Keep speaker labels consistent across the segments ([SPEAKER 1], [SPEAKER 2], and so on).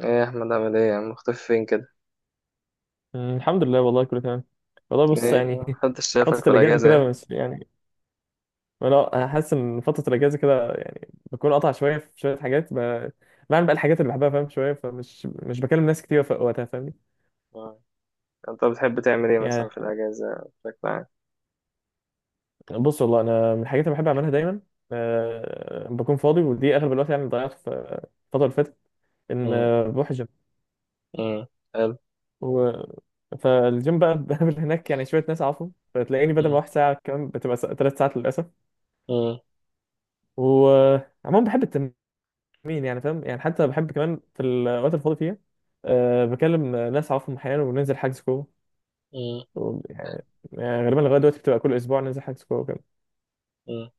[SPEAKER 1] ايه يا احمد، عامل ايه يا عم؟ مختفي فين كده؟
[SPEAKER 2] مم، الحمد لله. والله كله تمام. والله
[SPEAKER 1] والله
[SPEAKER 2] بص
[SPEAKER 1] ايه؟
[SPEAKER 2] يعني
[SPEAKER 1] محدش شافك
[SPEAKER 2] فترة
[SPEAKER 1] في
[SPEAKER 2] الأجازة
[SPEAKER 1] الاجازه
[SPEAKER 2] كده
[SPEAKER 1] يعني؟
[SPEAKER 2] بس يعني. أنا حاسس إن فترة الأجازة كده يعني بكون قاطع شوية في شوية حاجات بعمل بقى الحاجات اللي بحبها، فاهم؟ شوية فمش مش بكلم ناس كتير في وقتها، فاهمني؟
[SPEAKER 1] آه. انت بتحب تعمل ايه مثلا
[SPEAKER 2] يعني
[SPEAKER 1] في الاجازه بشكل عام؟
[SPEAKER 2] بص، والله أنا من الحاجات اللي بحب أعملها دايما بكون فاضي، ودي أغلب الوقت يعني ضيعته في الفترة اللي فاتت. إن
[SPEAKER 1] مم.
[SPEAKER 2] بروح الجيم
[SPEAKER 1] مم. حلو.
[SPEAKER 2] و... فالجيم بقى بقابل هناك يعني شوية ناس أعرفهم، فتلاقيني بدل ما
[SPEAKER 1] مم.
[SPEAKER 2] أروح ساعة كمان بتبقى 3 ساعات للأسف.
[SPEAKER 1] مم.
[SPEAKER 2] و عموما بحب التمرين، مين يعني فاهم؟ يعني حتى بحب كمان في الاوقات الفاضي فيها بكلم ناس اعرفهم احيانا وننزل حجز كوره.
[SPEAKER 1] مم.
[SPEAKER 2] و-
[SPEAKER 1] حلو.
[SPEAKER 2] يعني يعني غالبا لغايه دلوقتي بتبقى كل اسبوع ننزل حجز كوره كده.
[SPEAKER 1] مم.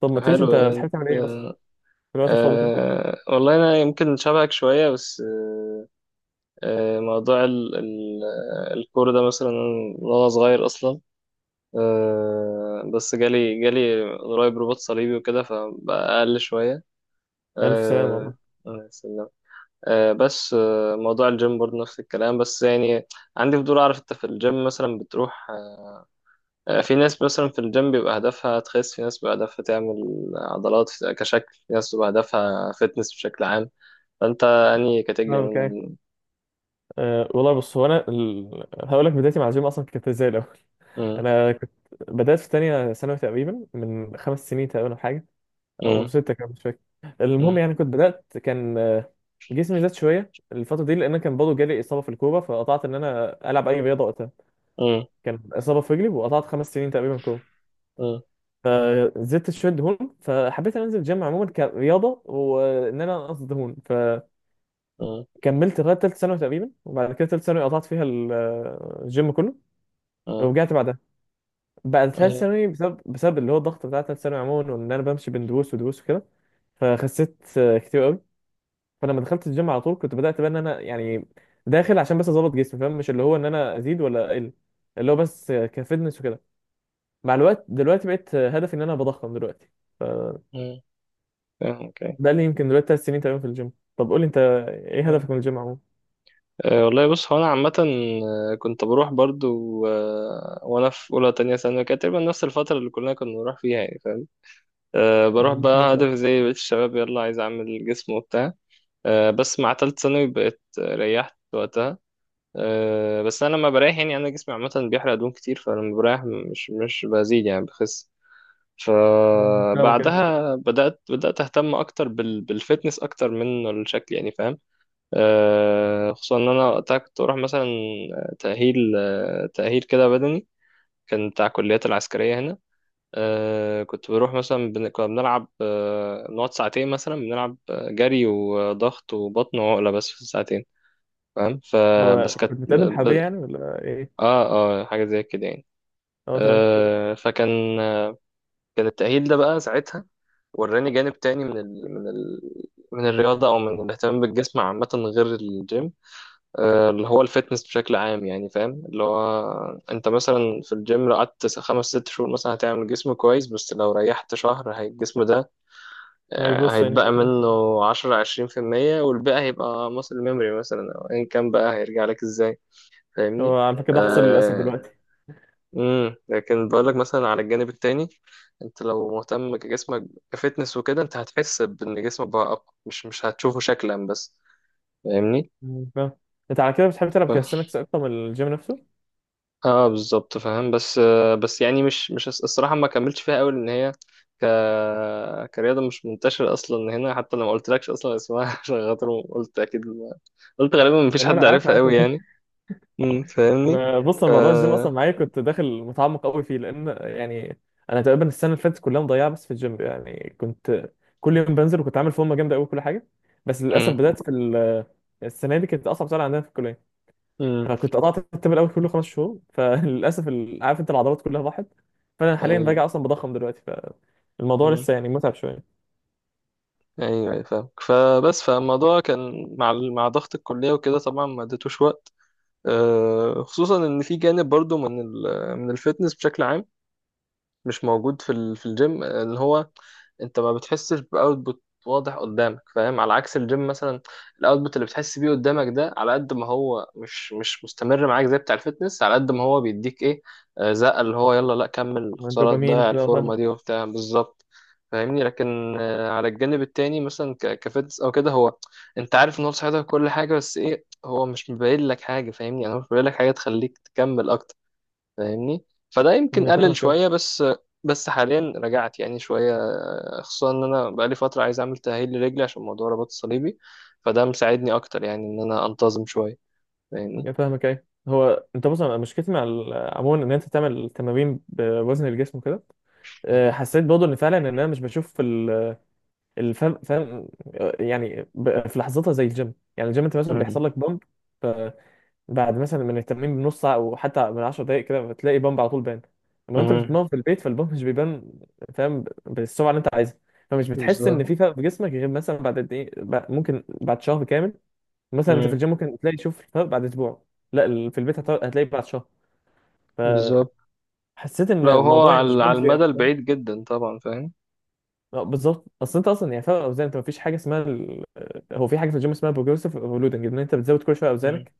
[SPEAKER 2] طب ما تقوليش
[SPEAKER 1] حلو،
[SPEAKER 2] انت بتحب
[SPEAKER 1] انت...
[SPEAKER 2] تعمل ايه اصلا في الوقت الفاضي فيه؟
[SPEAKER 1] والله انا يمكن شبهك شويه بس موضوع ال ال آه، الكوره ده مثلا من وانا صغير اصلا. بس جالي قريب رباط صليبي وكده، فبقى اقل شويه.
[SPEAKER 2] الف سلامه
[SPEAKER 1] آه
[SPEAKER 2] والله.
[SPEAKER 1] آه. بس موضوع الجيم برضه نفس الكلام، بس يعني عندي فضول اعرف انت في الجيم مثلا بتروح. في ناس مثلا في الجيم بيبقى هدفها تخس، في ناس بيبقى هدفها تعمل عضلات كشكل، في ناس بيبقى هدفها فتنس بشكل عام. فانت انهي
[SPEAKER 2] اه،
[SPEAKER 1] كاتيجوري
[SPEAKER 2] اوكي.
[SPEAKER 1] منهم؟
[SPEAKER 2] والله بص، هو انا هقول لك بدايتي مع الجيم اصلا كانت ازاي الاول.
[SPEAKER 1] مم،
[SPEAKER 2] انا كنت بدات في تانية ثانوي تقريبا من 5 سنين تقريبا أو حاجه او
[SPEAKER 1] مم،
[SPEAKER 2] ستة، كان مش فاكر.
[SPEAKER 1] مم،
[SPEAKER 2] المهم يعني كنت بدأت، كان جسمي زاد شوية الفترة دي، لأن أنا كان برضه جالي إصابة في الكورة، فقطعت إن أنا ألعب أي رياضة وقتها.
[SPEAKER 1] مم،
[SPEAKER 2] كان إصابة في رجلي، وقطعت 5 سنين تقريبا كورة.
[SPEAKER 1] مم،
[SPEAKER 2] فزدت شوية دهون، فحبيت إن أنا أنزل الجيم عموما كرياضة، وإن أنا أنقص دهون.
[SPEAKER 1] مم،
[SPEAKER 2] فكملت لغاية تالتة ثانوي تقريبا، وبعد كده تالتة ثانوي قطعت فيها الجيم كله،
[SPEAKER 1] مم،
[SPEAKER 2] ورجعت بعدها. بعد تالتة
[SPEAKER 1] أيوة،
[SPEAKER 2] ثانوي بسبب اللي هو الضغط بتاع تالتة ثانوي عموما، وإن أنا بمشي بين دروس ودروس وكده، فخسيت كتير قوي. فلما دخلت الجيم على طول كنت بدأت بقى ان انا يعني داخل عشان بس اظبط جسمي، فاهم؟ مش اللي هو ان انا ازيد ولا اقل، اللي هو بس كفitness وكده. مع الوقت دلوقتي بقيت هدفي ان انا بضخم دلوقتي، فده
[SPEAKER 1] مم، فاهم، اوكي.
[SPEAKER 2] اللي يمكن دلوقتي 3 سنين تقريبا في الجيم. طب قول لي انت، ايه
[SPEAKER 1] فاهم.
[SPEAKER 2] هدفك من الجيم عموما؟
[SPEAKER 1] والله بص هو انا عامة، كنت بروح برضو وانا في اولى تانية ثانوي كانت تقريبا نفس الفترة اللي كلنا كنا بنروح فيها، يعني فاهم. أه بروح
[SPEAKER 2] مم،
[SPEAKER 1] بقى
[SPEAKER 2] فاهمك أه.
[SPEAKER 1] هدف زي بقية الشباب، يلا عايز أعمل جسم وبتاع. أه بس مع تالت ثانوي بقيت ريحت وقتها. أه بس أنا لما بريح، يعني أنا جسمي عامة بيحرق دهون كتير، فلما بريح مش بزيد يعني بخس.
[SPEAKER 2] مم، فاهمك يعني.
[SPEAKER 1] فبعدها بدأت أهتم أكتر بالفتنس أكتر من الشكل، يعني فاهم. أه خصوصا إن أنا وقتها كنت بروح مثلا تأهيل، تأهيل كده بدني، كان بتاع الكليات العسكرية هنا. كنت بروح مثلا كنا بنلعب نقعد ساعتين مثلا، بنلعب جري وضغط وبطن وعقلة بس في الساعتين. فاهم، فبس
[SPEAKER 2] هو
[SPEAKER 1] اه كانت
[SPEAKER 2] كنت بتقدم حربية
[SPEAKER 1] ب...
[SPEAKER 2] يعني ولا ايه؟
[SPEAKER 1] اه حاجة زي كده يعني.
[SPEAKER 2] اه تمام.
[SPEAKER 1] فكان كان التأهيل ده بقى ساعتها، وراني جانب تاني من من الرياضة أو من الاهتمام بالجسم عامة غير الجيم. اللي هو الفتنس بشكل عام، يعني فاهم، اللي هو أنت مثلا في الجيم لو قعدت خمس ست شهور مثلا هتعمل جسم كويس، بس لو ريحت شهر هي الجسم ده
[SPEAKER 2] يعني بص يعني.
[SPEAKER 1] هيتبقى منه عشرة عشرين في المية، والباقي هيبقى muscle memory مثلا أو أيا كان، بقى هيرجع لك إزاي، فاهمني؟
[SPEAKER 2] هو على فكرة ده حصل للأسف
[SPEAKER 1] آه.
[SPEAKER 2] دلوقتي.
[SPEAKER 1] مم. لكن بقولك مثلا على الجانب التاني، أنت لو مهتم كجسمك كفتنس وكده، أنت هتحس بإن جسمك بقى أقوى، مش هتشوفه شكلا بس، فاهمني؟
[SPEAKER 2] مم، فاهم. انت على كده بتحب تلعب كاستنكس اكتر من الجيم نفسه؟
[SPEAKER 1] اه بالظبط فاهم. بس يعني مش الصراحه ما كملتش فيها قوي، لان هي ك كرياضه مش منتشره اصلا هنا، حتى لما قلت لكش اصلا اسمها عشان خاطر قلت اكيد ما... قلت غالبا ما فيش
[SPEAKER 2] لا لا،
[SPEAKER 1] حد
[SPEAKER 2] عارف
[SPEAKER 1] عارفها قوي
[SPEAKER 2] عارف.
[SPEAKER 1] يعني. امم، فاهمني.
[SPEAKER 2] انا بص،
[SPEAKER 1] ف
[SPEAKER 2] الموضوع الجيم اصلا معايا كنت داخل متعمق قوي فيه، لان يعني انا تقريبا السنه اللي فاتت كلها مضيعه بس في الجيم، يعني كنت كل يوم بنزل، وكنت عامل فورمه جامده قوي كل حاجه. بس للاسف
[SPEAKER 1] امم.
[SPEAKER 2] بدات السنه دي كانت اصعب سنه عندنا في الكليه،
[SPEAKER 1] امم.
[SPEAKER 2] فكنت قطعت الترم الاول كله 5 شهور. فللاسف عارف انت العضلات كلها راحت. فانا حاليا راجع
[SPEAKER 1] ايوه.
[SPEAKER 2] اصلا بضخم دلوقتي، فالموضوع
[SPEAKER 1] امم.
[SPEAKER 2] لسه يعني متعب شويه.
[SPEAKER 1] ايوه، أيوة، فاهمك، فبس فالموضوع كان مع مع ضغط الكليه وكده، طبعا ما اديتوش وقت. خصوصا ان في جانب برضو من ال... من الفتنس بشكل عام، مش موجود في في الجيم، ان هو انت ما بتحسش باوتبوت واضح قدامك فاهم، على عكس الجيم مثلا الاوتبوت اللي بتحس بيه قدامك ده، على قد ما هو مش مستمر معاك زي بتاع الفتنس، على قد ما هو بيديك ايه، زقه اللي هو يلا لا كمل، خساره
[SPEAKER 2] والدوبامين
[SPEAKER 1] تضيع
[SPEAKER 2] وكده، فاهم؟
[SPEAKER 1] الفورمه دي وبتاع بالظبط، فاهمني. لكن على الجانب التاني مثلا كفتنس او كده، هو انت عارف ان هو صحتك كل حاجه، بس ايه هو مش مبين لك حاجه، فاهمني، انا مش مبين لك حاجه تخليك تكمل اكتر، فاهمني، فده يمكن
[SPEAKER 2] أنا
[SPEAKER 1] قلل
[SPEAKER 2] فاهمك أهو.
[SPEAKER 1] شوية بس. بس حاليا رجعت يعني شوية، خصوصا ان انا بقالي فترة عايز اعمل تأهيل لرجلي عشان موضوع الرباط الصليبي، فده مساعدني اكتر يعني ان انا انتظم شوية، فاهمني.
[SPEAKER 2] أنا فاهمك. ايه هو انت بص، أنا مشكلتي عموما ان انت تعمل تمارين بوزن الجسم وكده، حسيت برضه ان فعلا ان انا مش بشوف الفهم، فاهم؟ يعني في لحظتها زي الجيم، يعني الجيم انت مثلا
[SPEAKER 1] مم.
[SPEAKER 2] بيحصل لك بامب، فبعد مثلا من التمرين بنص ساعه او حتى من 10 دقائق كده بتلاقي بامب على طول بان. اما انت
[SPEAKER 1] مم.
[SPEAKER 2] بتتمرن في البيت فالبامب مش بيبان، فاهم؟ بالسرعه اللي انت عايزها. فمش بتحس ان
[SPEAKER 1] بالظبط.
[SPEAKER 2] في فرق في جسمك غير مثلا بعد قد ايه، ممكن بعد شهر كامل مثلا. انت في
[SPEAKER 1] مم.
[SPEAKER 2] الجيم ممكن تلاقي تشوف الفرق بعد اسبوع، لا في البيت هتلاقي بعد شهر.
[SPEAKER 1] بالظبط،
[SPEAKER 2] فحسيت ان
[SPEAKER 1] لو هو
[SPEAKER 2] الموضوع يعني مش
[SPEAKER 1] على على
[SPEAKER 2] مجزي
[SPEAKER 1] المدى
[SPEAKER 2] قوي.
[SPEAKER 1] البعيد جدا طبعا فاهم.
[SPEAKER 2] اه بالظبط، اصل انت اصلا يعني فرق اوزان، انت مفيش حاجه اسمها ال... آه، هو في حاجه في الجيم اسمها بروجريسيف اورلودنج، ان انت بتزود كل شويه
[SPEAKER 1] مم.
[SPEAKER 2] اوزانك،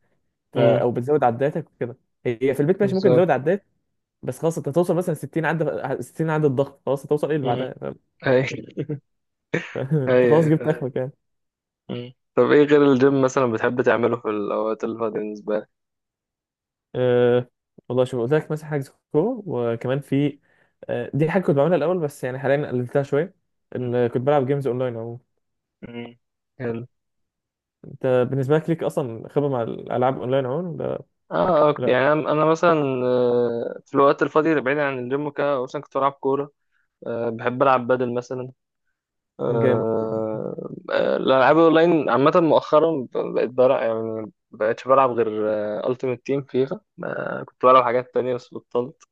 [SPEAKER 1] مم.
[SPEAKER 2] او بتزود عداتك وكده. هي في البيت ماشي ممكن تزود
[SPEAKER 1] بالظبط.
[SPEAKER 2] عدات، بس خلاص انت هتوصل مثلا 60 عده، 60 عده ضغط، خلاص هتوصل ايه اللي
[SPEAKER 1] مم.
[SPEAKER 2] بعدها، فاهم؟
[SPEAKER 1] اي.
[SPEAKER 2] انت
[SPEAKER 1] اي
[SPEAKER 2] خلاص
[SPEAKER 1] أي.
[SPEAKER 2] جبت اخرك يعني.
[SPEAKER 1] مم. طب ايه غير الجيم مثلا بتحب تعمله في الاوقات اللي فاضية بالنسبة لك؟
[SPEAKER 2] أه... والله شوف، قلت لك مثلا حاجه كوره، وكمان في دي حاجه كنت بعملها الاول بس يعني حاليا قللتها شويه،
[SPEAKER 1] مم.
[SPEAKER 2] ان كنت بلعب جيمز اونلاين عموما.
[SPEAKER 1] مم. حلو.
[SPEAKER 2] انت بالنسبه ليك اصلا خبره مع الالعاب اونلاين عموما ولا؟
[SPEAKER 1] اه،
[SPEAKER 2] لا
[SPEAKER 1] يعني انا مثلا في الوقت الفاضي اللي بعيد عن الجيم وكده، مثلا كنت بلعب كوره، بحب العب بدل مثلا،
[SPEAKER 2] جامد.
[SPEAKER 1] آه، الالعاب اونلاين عامه مؤخرا بقيت بلعب، يعني بقيتش بلعب غير التيمت تيم فيفا. كنت بلعب حاجات تانية بس بطلت،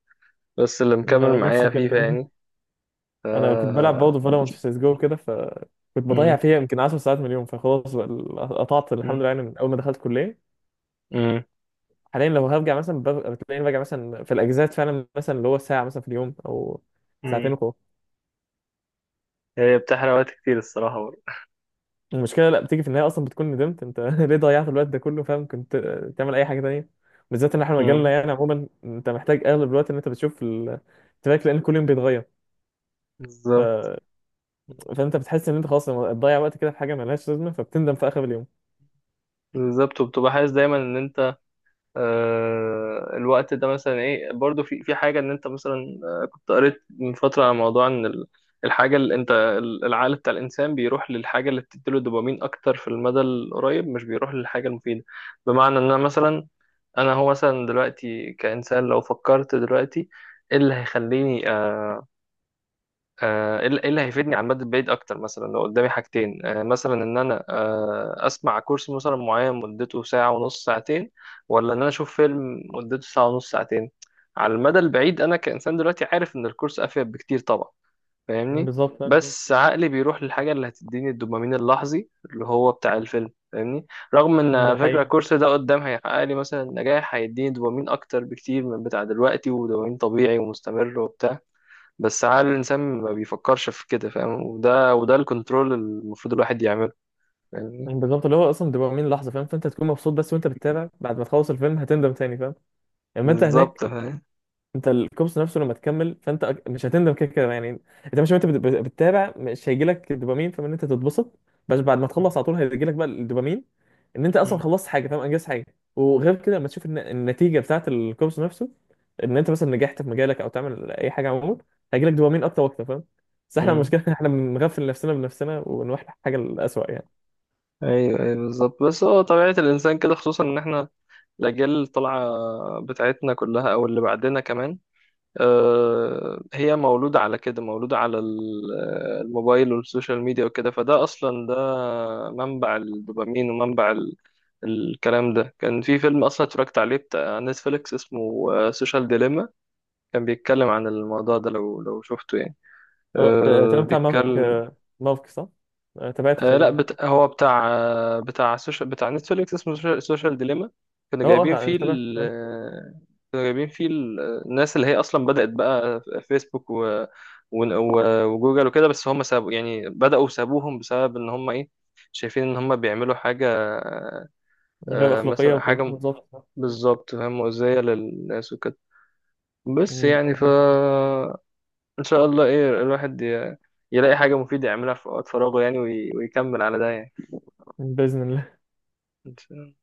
[SPEAKER 1] بس اللي
[SPEAKER 2] لا،
[SPEAKER 1] مكمل معايا
[SPEAKER 2] نفسك انت.
[SPEAKER 1] فيفا يعني. ف
[SPEAKER 2] انا كنت بلعب برضه فالورانت في سيس جو كده، فكنت بضيع
[SPEAKER 1] مم،
[SPEAKER 2] فيها يمكن 10 ساعات من اليوم، فخلاص بقى قطعت الحمد
[SPEAKER 1] مم،
[SPEAKER 2] لله، يعني من اول ما دخلت كليه.
[SPEAKER 1] مم،
[SPEAKER 2] حاليا لو هرجع مثلا بتلاقيني برجع مثلا في الاجازات فعلا مثلا اللي هو ساعه مثلا في اليوم او ساعتين
[SPEAKER 1] مم.
[SPEAKER 2] وخلاص.
[SPEAKER 1] هي بتحرق وقت كتير الصراحه برضه.
[SPEAKER 2] المشكله لا، بتيجي في النهايه اصلا بتكون ندمت انت ليه ضيعت الوقت ده كله، فاهم؟ كنت تعمل اي حاجه تانيه، بالذات ان احنا مجالنا
[SPEAKER 1] مم،
[SPEAKER 2] يعني عموما انت محتاج اغلب الوقت ان انت بتشوف التراك، لان كل يوم بيتغير. ف...
[SPEAKER 1] بالظبط.
[SPEAKER 2] فانت بتحس ان انت خلاص تضيع وقت كده في حاجه ملهاش لازمه، فبتندم في اخر اليوم.
[SPEAKER 1] بالظبط، وبتبقى حاسس دايما ان انت الوقت ده مثلا ايه، برضو في حاجه، ان انت مثلا كنت قريت من فتره عن موضوع ان الحاجه اللي انت العقل بتاع الانسان بيروح للحاجه اللي بتديله دوبامين اكتر في المدى القريب، مش بيروح للحاجه المفيده. بمعنى ان انا مثلا، انا هو مثلا دلوقتي كانسان لو فكرت دلوقتي ايه اللي هيخليني آه، ايه اللي إيه اللي هيفيدني على المدى البعيد اكتر، مثلا لو قدامي حاجتين مثلا ان انا اسمع كورس مثلا معين مدته ساعة ونص ساعتين، ولا ان انا اشوف فيلم مدته ساعة ونص ساعتين، على المدى البعيد انا كإنسان دلوقتي عارف ان الكورس افيد بكتير طبعا، فاهمني.
[SPEAKER 2] بالظبط،
[SPEAKER 1] بس عقلي بيروح للحاجة اللي هتديني الدوبامين اللحظي اللي هو بتاع الفيلم، فاهمني، رغم ان
[SPEAKER 2] ده
[SPEAKER 1] على فكرة
[SPEAKER 2] حقيقي.
[SPEAKER 1] الكورس ده قدام هيحقق لي مثلا نجاح، هيديني دوبامين اكتر بكتير من بتاع دلوقتي، ودوبامين طبيعي ومستمر وبتاع. بس عقل الإنسان ما بيفكرش في كده، فاهم، وده الكنترول المفروض الواحد يعمله، فاهمني.
[SPEAKER 2] يعني بالظبط اللي هو اصلا دوبامين لحظه، فاهم؟ فانت هتكون مبسوط بس وانت بتتابع، بعد ما تخلص الفيلم هتندم تاني، فاهم؟ اما انت هناك،
[SPEAKER 1] بالظبط فاهم.
[SPEAKER 2] انت الكوبس نفسه لما تكمل فانت مش هتندم كده كده يعني. انت مش وانت بتتابع مش هيجي لك الدوبامين فاهم، ان انت تتبسط. بس بعد ما تخلص
[SPEAKER 1] مم.
[SPEAKER 2] على طول هيجي لك بقى الدوبامين، ان انت اصلا
[SPEAKER 1] مم.
[SPEAKER 2] خلصت حاجه، فاهم؟ انجزت حاجه. وغير كده لما تشوف النتيجه بتاعت الكوبس نفسه، ان انت مثلا نجحت في مجالك او تعمل اي حاجه عموما، هيجي لك دوبامين اكتر واكتر، فاهم؟ بس احنا
[SPEAKER 1] مم.
[SPEAKER 2] المشكله إن احنا بنغفل نفسنا بنفسنا ونروح لحاجه الاسوء يعني.
[SPEAKER 1] أيوه، أيوه، بالظبط، بس هو طبيعة الإنسان كده، خصوصا إن إحنا الأجيال اللي طالعة بتاعتنا كلها أو اللي بعدنا كمان، هي مولودة على كده، مولودة على الموبايل والسوشيال ميديا وكده، فده أصلا ده منبع الدوبامين ومنبع الكلام ده كان في فيلم أصلا اتفرجت عليه بتاع نتفليكس اسمه سوشيال ديليما، كان بيتكلم عن الموضوع ده، لو شفته يعني.
[SPEAKER 2] اه
[SPEAKER 1] أه
[SPEAKER 2] تمام، بتاع مافك
[SPEAKER 1] بيتكلم.
[SPEAKER 2] مافك صح؟ تابعته
[SPEAKER 1] أه لا
[SPEAKER 2] تمام.
[SPEAKER 1] هو بتاع بتاع سوشيال بتاع نتفليكس اسمه سوشيال ديليما، كانوا
[SPEAKER 2] اه
[SPEAKER 1] جايبين
[SPEAKER 2] اه،
[SPEAKER 1] فيه
[SPEAKER 2] تابعته تمام.
[SPEAKER 1] كانوا جايبين فيه الناس اللي هي اصلا بدأت بقى فيسبوك وجوجل وكده، بس هم سابوا، يعني بدأوا سابوهم بسبب ان هم ايه، شايفين ان هم بيعملوا حاجة،
[SPEAKER 2] من غير أخلاقية
[SPEAKER 1] مثلا
[SPEAKER 2] وكده،
[SPEAKER 1] حاجة
[SPEAKER 2] بالظبط.
[SPEAKER 1] بالظبط فاهم مؤذية للناس وكده، بس
[SPEAKER 2] مم،
[SPEAKER 1] يعني ف.
[SPEAKER 2] بالظبط.
[SPEAKER 1] ان شاء الله ايه، الواحد يلاقي حاجة مفيدة يعملها في وقت فراغه، يعني ويكمل على ده يعني.
[SPEAKER 2] بإذن الله.
[SPEAKER 1] إن شاء